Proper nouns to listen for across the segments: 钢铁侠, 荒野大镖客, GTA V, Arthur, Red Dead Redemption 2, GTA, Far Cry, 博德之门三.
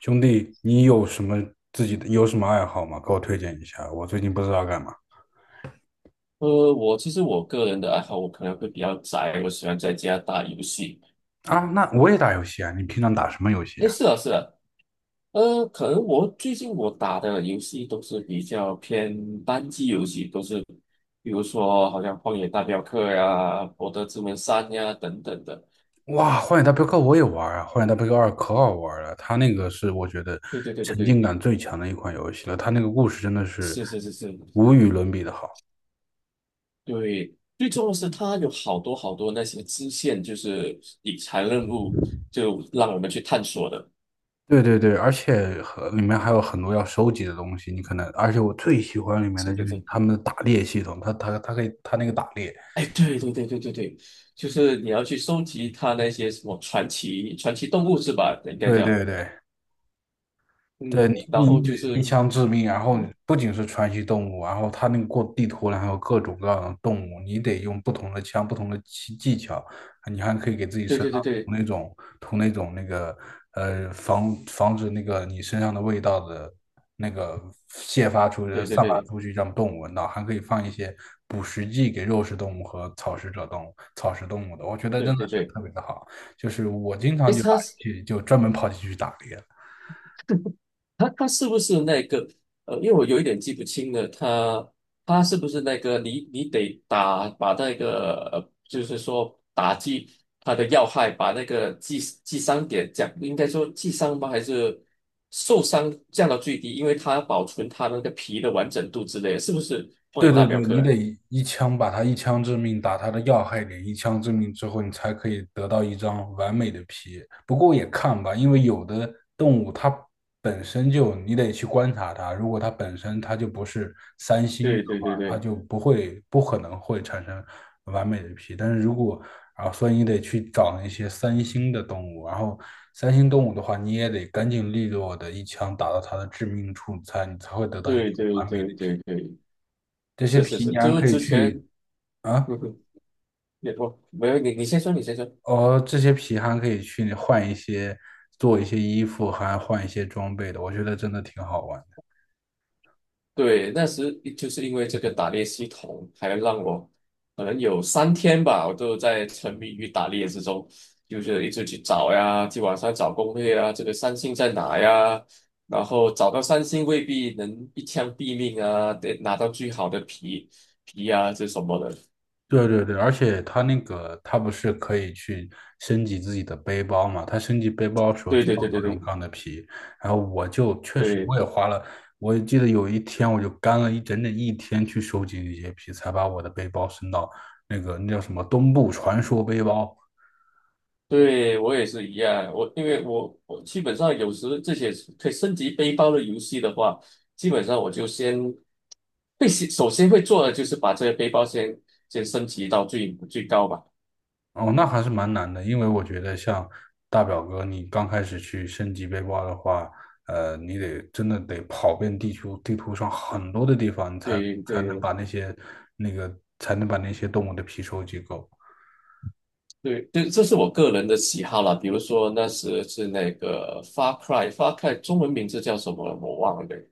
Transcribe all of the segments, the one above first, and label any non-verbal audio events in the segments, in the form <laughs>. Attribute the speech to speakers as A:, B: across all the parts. A: 兄弟，你有什么自己的有什么爱好吗？给我推荐一下，我最近不知道干嘛
B: 其实我个人的爱好，我可能会比较宅，我喜欢在家打游戏。
A: 啊。那我也打游戏啊，你平常打什么游戏
B: 诶，
A: 啊？
B: 是啊，是啊，可能我最近打的游戏都是比较偏单机游戏，比如说好像《荒野大镖客》呀、《博德之门三》呀等等的。
A: 哇，《荒野大镖客》我也玩啊，《荒野大镖客二》可好玩了，它那个是我觉得
B: 对对对对
A: 沉浸
B: 对，
A: 感最强的一款游戏了，它那个故事真的是
B: 是是是是，
A: 无与伦比的好。
B: 对，最重要是它有好多好多那些支线，就是理财任务，就让我们去探索的。
A: 对对对，而且和里面还有很多要收集的东西，你可能，而且我最喜欢里面的
B: 是
A: 就
B: 的，
A: 是
B: 是的
A: 他们的打猎系统，它可以它那个打猎，
B: 哎，对对对对对对，就是你要去收集它那些什么传奇动物是吧？应该
A: 对
B: 叫
A: 对对，对
B: 嗯，然
A: 你，
B: 后
A: 你
B: 就
A: 一
B: 是
A: 枪致命，然后
B: 嗯，
A: 不仅是传奇动物，然后它那个过地图然后有各种各样的动物，你得用不同的枪、不同的技巧，你还可以给自己
B: 对
A: 身
B: 对
A: 上
B: 对
A: 涂
B: 对
A: 那种涂那种防止你身上的味道的那个泄发出去、
B: 对对
A: 散发
B: 对
A: 出去，让动物闻到，还可以放一些捕食剂给肉食动物和草食动物的，我觉得真
B: 对
A: 的
B: 对
A: 是
B: 对对，
A: 特别的好，就是我经
B: 哎，
A: 常就
B: 它
A: 打游戏就专门跑进去打猎。
B: 他他是不是那个因为我有一点记不清了，他是不是那个你得打把那个就是说打击他的要害，把那个击伤点降，应该说击伤吗？还是受伤降到最低，因为它保存他那个皮的完整度之类的是不是荒
A: 对
B: 野大
A: 对
B: 镖
A: 对，
B: 客
A: 你
B: 啊？
A: 得一枪致命，打它的要害点，一枪致命之后，你才可以得到一张完美的皮。不过也看吧，因为有的动物它本身就，你得去观察它，如果它本身就不是三星的
B: 对对
A: 话，
B: 对
A: 它
B: 对
A: 就不可能会产生完美的皮。但是如果啊，所以你得去找那些三星的动物，然后三星动物的话，你也得干净利落的一枪打到它的致命处你才会得到一张
B: 对对
A: 完美的
B: 对对
A: 皮。
B: 对，
A: 这些
B: 是是
A: 皮
B: 是，
A: 你还
B: 就是
A: 可以
B: 之前，
A: 去啊，
B: 嗯哼，也不没有你先说，你先说。
A: 哦，这些皮还可以去换一些，做一些衣服，还换一些装备的，我觉得真的挺好玩的。
B: 对，那时就是因为这个打猎系统，还让我可能有3天吧，我都在沉迷于打猎之中，就是一直去找呀，去网上找攻略啊，这个三星在哪呀？然后找到三星未必能一枪毙命啊，得拿到最好的皮啊，这什么的。
A: 对对对，而且它那个它不是可以去升级自己的背包嘛？它升级背包的时候
B: 对
A: 就
B: 对
A: 要
B: 对对
A: 各种
B: 对
A: 各样的皮，然后我就确实
B: 对
A: 我也花了，我记得有一天我就干了整一天去收集那些皮，才把我的背包升到那个那叫什么东部传说背包。
B: 对，我也是一样，我因为我基本上有时这些可以升级背包的游戏的话，基本上我就先。首先会做的就是把这个背包先升级到最高吧。
A: 哦，那还是蛮难的，因为我觉得像大表哥，你刚开始去升级背包的话，你得真的得跑遍地球地图上很多的地方，你才
B: 对
A: 才能
B: 对
A: 把那些那个才能把那些动物的皮收集够。
B: 对对，这是我个人的喜好啦。比如说那时是那个 Far Cry，Far Cry 中文名字叫什么我忘了。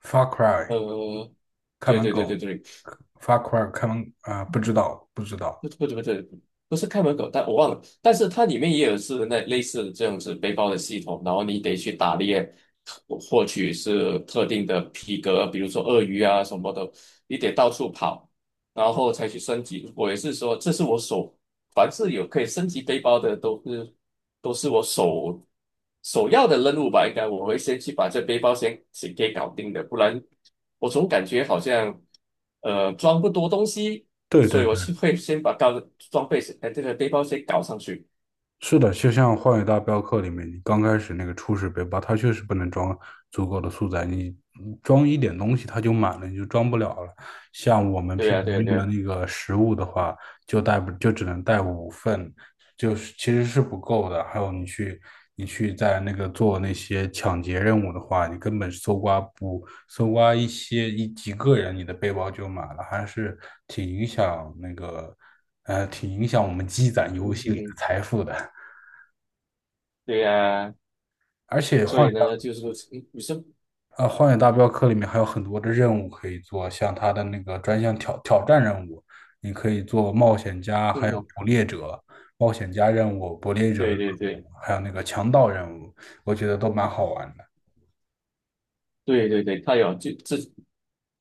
A: Far Cry
B: 呃，
A: 看
B: 对
A: 门
B: 对对
A: 狗
B: 对对，
A: ，Far Cry 看门啊、不知道不知道，
B: 不不不对，不是看门狗，但我忘了。但是它里面也有是那类似这样子背包的系统，然后你得去打猎，获取是特定的皮革，比如说鳄鱼啊什么的，你得到处跑，然后才去升级。我也是说，这是我手，凡是有可以升级背包的，都是我首要的任务吧。应该我会先去把这背包先给搞定的，不然我总感觉好像装不多东西。
A: 对
B: 所
A: 对
B: 以
A: 对，
B: 我是会先把高装备先，哎，这个背包先搞上去。
A: 是的，就像《荒野大镖客》里面，你刚开始那个初始背包，它确实不能装足够的素材，你装一点东西它就满了，你就装不了了。像我们
B: 对
A: 平
B: 呀、
A: 常
B: 对呀、对
A: 用的
B: 呀、
A: 那个食物的话，就带不就只能带五份，就是其实是不够的。还有你去在那个做那些抢劫任务的话，你根本搜刮不搜刮一些一几个人，你的背包就满了，还是挺影响那个挺影响我们积攒游
B: 嗯
A: 戏
B: 嗯
A: 里的
B: 嗯，
A: 财富的。
B: 对呀、
A: 而且
B: 所以呢，就是女生，
A: 《荒野大镖客》里面还有很多的任务可以做，像它的那个专项挑战任务，你可以做冒险家，还
B: 嗯
A: 有
B: 哼，
A: 捕猎者、冒险家任务、捕猎者，
B: 对对对
A: 还有那个强盗任务，我觉得都蛮好玩的。
B: 对对对，他有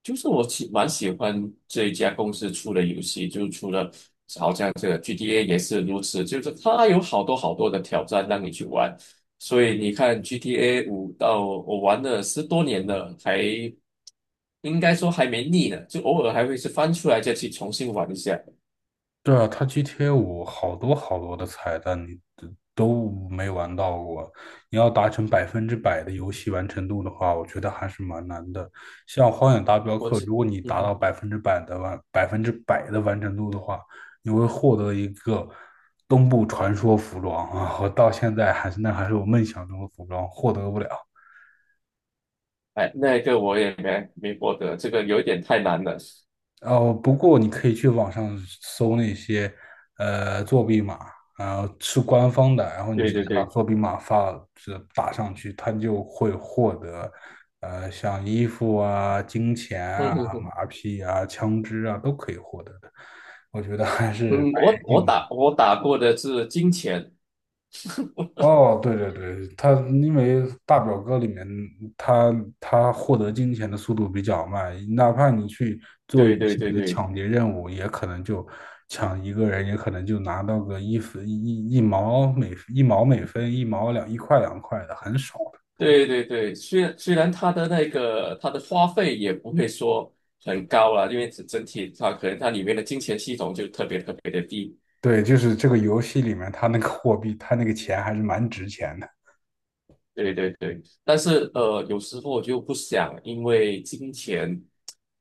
B: 就是我蛮喜欢这一家公司出的游戏，就是除了好像这个 GTA 也是如此，就是它有好多好多的挑战让你去玩。所以你看 GTA 5到我玩了10多年了，应该说还没腻呢，就偶尔还会是翻出来再去重新玩一下。
A: 对啊，它 GTA 五好多好多的彩蛋你都没玩到过。你要达成百分之百的游戏完成度的话，我觉得还是蛮难的。像《荒野大镖
B: 我
A: 客》，
B: 记，
A: 如果你
B: 嗯
A: 达
B: 哼，
A: 到百分之百的完成度的话，你会获得一个东部传说服装啊！我到现在还是我梦想中的服装，获得不了。
B: 哎，那个我也没获得，这个有一点太难了。
A: 哦，不过你可以去网上搜那些作弊码，然后是官方的，然后你
B: 对
A: 直接
B: 对
A: 把
B: 对，
A: 作弊码打上去，它就会获得像衣服啊、金钱
B: 嗯
A: 啊、
B: 嗯嗯，
A: 马匹啊、枪支啊都可以获得的。我觉得还是
B: 嗯
A: 蛮
B: 我
A: 人
B: 我
A: 性的。
B: 打我打过的是金钱，
A: 哦，对对对，他因为大表哥里面他他获得金钱的速度比较慢，哪怕你去做一
B: 对对
A: 系
B: 对
A: 列
B: 对
A: 抢劫任务，也可能就抢一个人，也可能就拿到个一分一毛每分一毛两一块两块的，很少的。
B: 对对对，虽然它的那个它的花费也不会说很高啦，因为整体它可能它里面的金钱系统就特别特别的低，
A: 对，就是这个游戏里面，他那个货币，他那个钱还是蛮值钱的。
B: 对对对，但是有时候我就不想因为金钱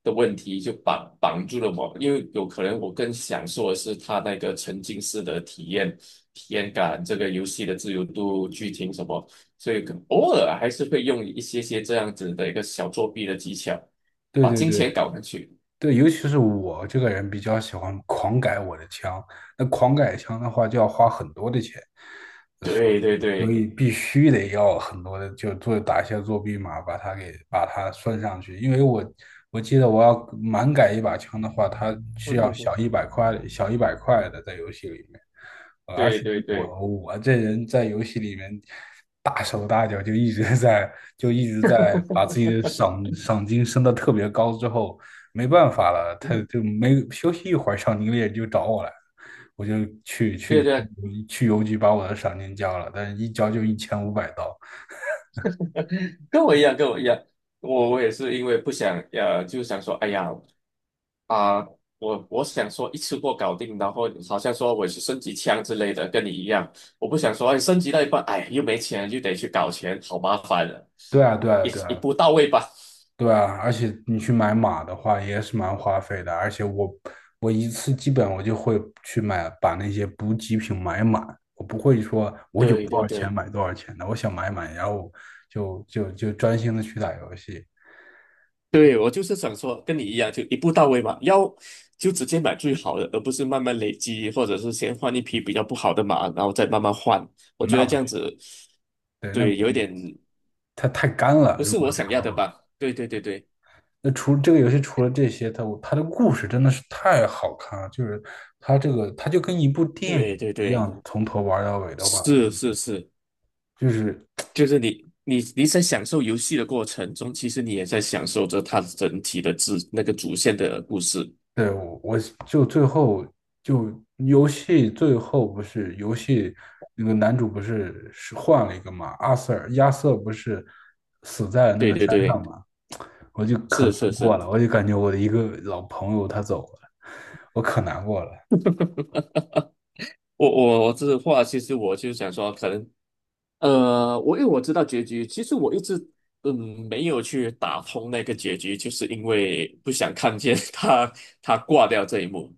B: 的问题就绑住了我，因为有可能我更享受的是它那个沉浸式的体验、体验感，这个游戏的自由度、剧情什么，所以可偶尔还是会用一些这样子的一个小作弊的技巧，
A: 对
B: 把
A: 对
B: 金钱
A: 对
B: 搞上去。
A: 对，尤其是我这个人比较喜欢狂改我的枪，那狂改枪的话就要花很多的钱。
B: 对对
A: 所
B: 对，
A: 以必须得要很多的，就打一些作弊码，把它算上去。因为我记得我要满改一把枪的话，它
B: 嗯
A: 需要
B: 嗯嗯，
A: 小一百块，小一百块的在游戏里面。而
B: 对
A: 且
B: 对
A: 我
B: 对，
A: 我这人在游戏里面大手大脚，就一直在把自己的赏金升的特别高之后，没办法了，他
B: 嗯
A: 就没休息一会儿，赏金猎人就找我来。我就去
B: 对
A: 去
B: 对，
A: 去邮局把我的赏金交了，但是一交就一千五百刀。
B: 跟我一样，跟我一样。我也是因为不想，就想说，哎呀，啊、我想说一次过搞定，然后好像说我去升级枪之类的，跟你一样，我不想说哎升级到一半，哎又没钱，又得去搞钱，好麻烦的，
A: 对啊，对啊，
B: 一
A: 对
B: 一
A: 啊，
B: 步到位吧。
A: 对啊，而且你去买马的话也是蛮花费的，而且我一次基本我就会去买把那些补给品买满，我不会说我有
B: 对
A: 多
B: 对
A: 少钱
B: 对
A: 买多少钱的，我想买满，然后就专心的去打游戏，
B: 对，我就是想说跟你一样，就一步到位嘛，要就直接买最好的，而不是慢慢累积，或者是先换一匹比较不好的马，然后再慢慢换。我觉
A: 那
B: 得
A: 不
B: 这样
A: 是
B: 子，
A: 对，那没
B: 对，有一
A: 意义
B: 点
A: 它太干了，
B: 不
A: 如
B: 是
A: 果
B: 我
A: 这
B: 想
A: 样
B: 要
A: 的
B: 的
A: 话。
B: 吧？对对对对
A: 那这个游戏除了这些，它的故事真的是太好看了，就是它这个就跟一部电影
B: 对对
A: 一
B: 对，
A: 样，从头玩到尾的话，
B: 是是是。
A: 就是
B: 就是你在享受游戏的过程中，其实你也在享受着它整体的主那个主线的故事。
A: 对我就最后就游戏最后不是游戏那个男主不是换了一个嘛，阿瑟尔亚瑟不是死在那
B: 对
A: 个山
B: 对对，
A: 上嘛，我就可
B: 是
A: 难
B: 是
A: 过
B: 是，
A: 了，我就感觉我的一个老朋友他走了，我可难过了。
B: 我这话其实我就想说，可能我因为我知道结局，其实我一直没有去打通那个结局，就是因为不想看见 <laughs> 他挂掉这一幕。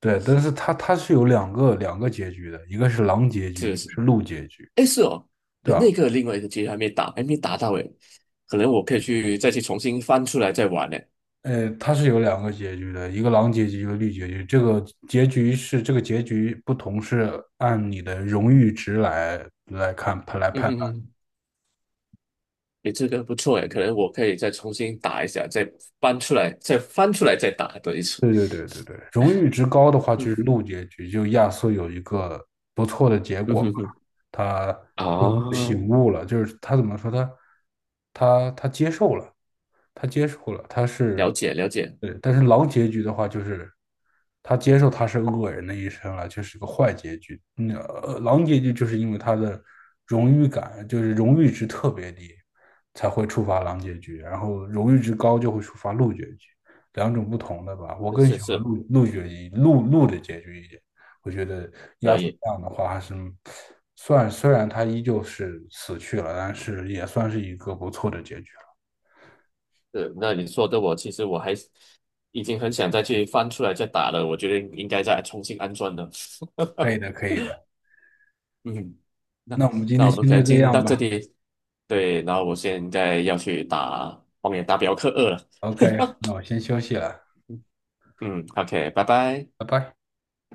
A: 对，但是它是有两个结局的，一个是狼结局，一
B: 是
A: 个
B: 是，
A: 是鹿结局，
B: 哎是哦，
A: 对
B: 哎那
A: 吧？
B: 个另外一个结局还没打，还没打到哎，可能我可以再去重新翻出来再玩呢。
A: 它是有两个结局的，一个狼结局，一个绿结局。这个结局不同，是按你的荣誉值来看来
B: 嗯
A: 判。
B: 哼哼。诶，这个不错诶，可能我可以再重新打一下，再搬出来，再翻出来再打多一次。
A: 对对对对对，荣誉值高的话就是
B: 嗯
A: 路结局，就亚瑟有一个不错的结
B: 嗯
A: 果吧，
B: 哼哼，
A: 他最后
B: 啊，
A: 醒悟了，就是他怎么说他接受了，他接受了，他
B: 了
A: 是
B: 解了解，
A: 对，但是狼结局的话就是他接受他是恶人的一生了，就是个坏结局。嗯，狼结局就是因为他的荣誉感，就是荣誉值特别低，才会触发狼结局，然后荣誉值高就会触发鹿结局。两种不同的吧。我
B: 是
A: 更
B: 是
A: 喜欢
B: 是，
A: 鹿的结局一点。我觉得亚
B: 可
A: 瑟
B: 以。
A: 这样的话还是算，虽然他依旧是死去了，但是也算是一个不错的结局了。
B: 是，那你说的其实我还已经很想再去翻出来再打了，我觉得应该再重新安装的。<laughs>
A: 可以的，可以的。
B: 嗯，那
A: 那我们今
B: 那
A: 天
B: 我们
A: 先
B: 可
A: 就
B: 能
A: 这
B: 今天
A: 样
B: 到
A: 吧。
B: 这里。对，然后我现在要去打《荒野大镖客二》了。
A: OK，那我先休息了，
B: 嗯，OK，拜拜。
A: 拜拜。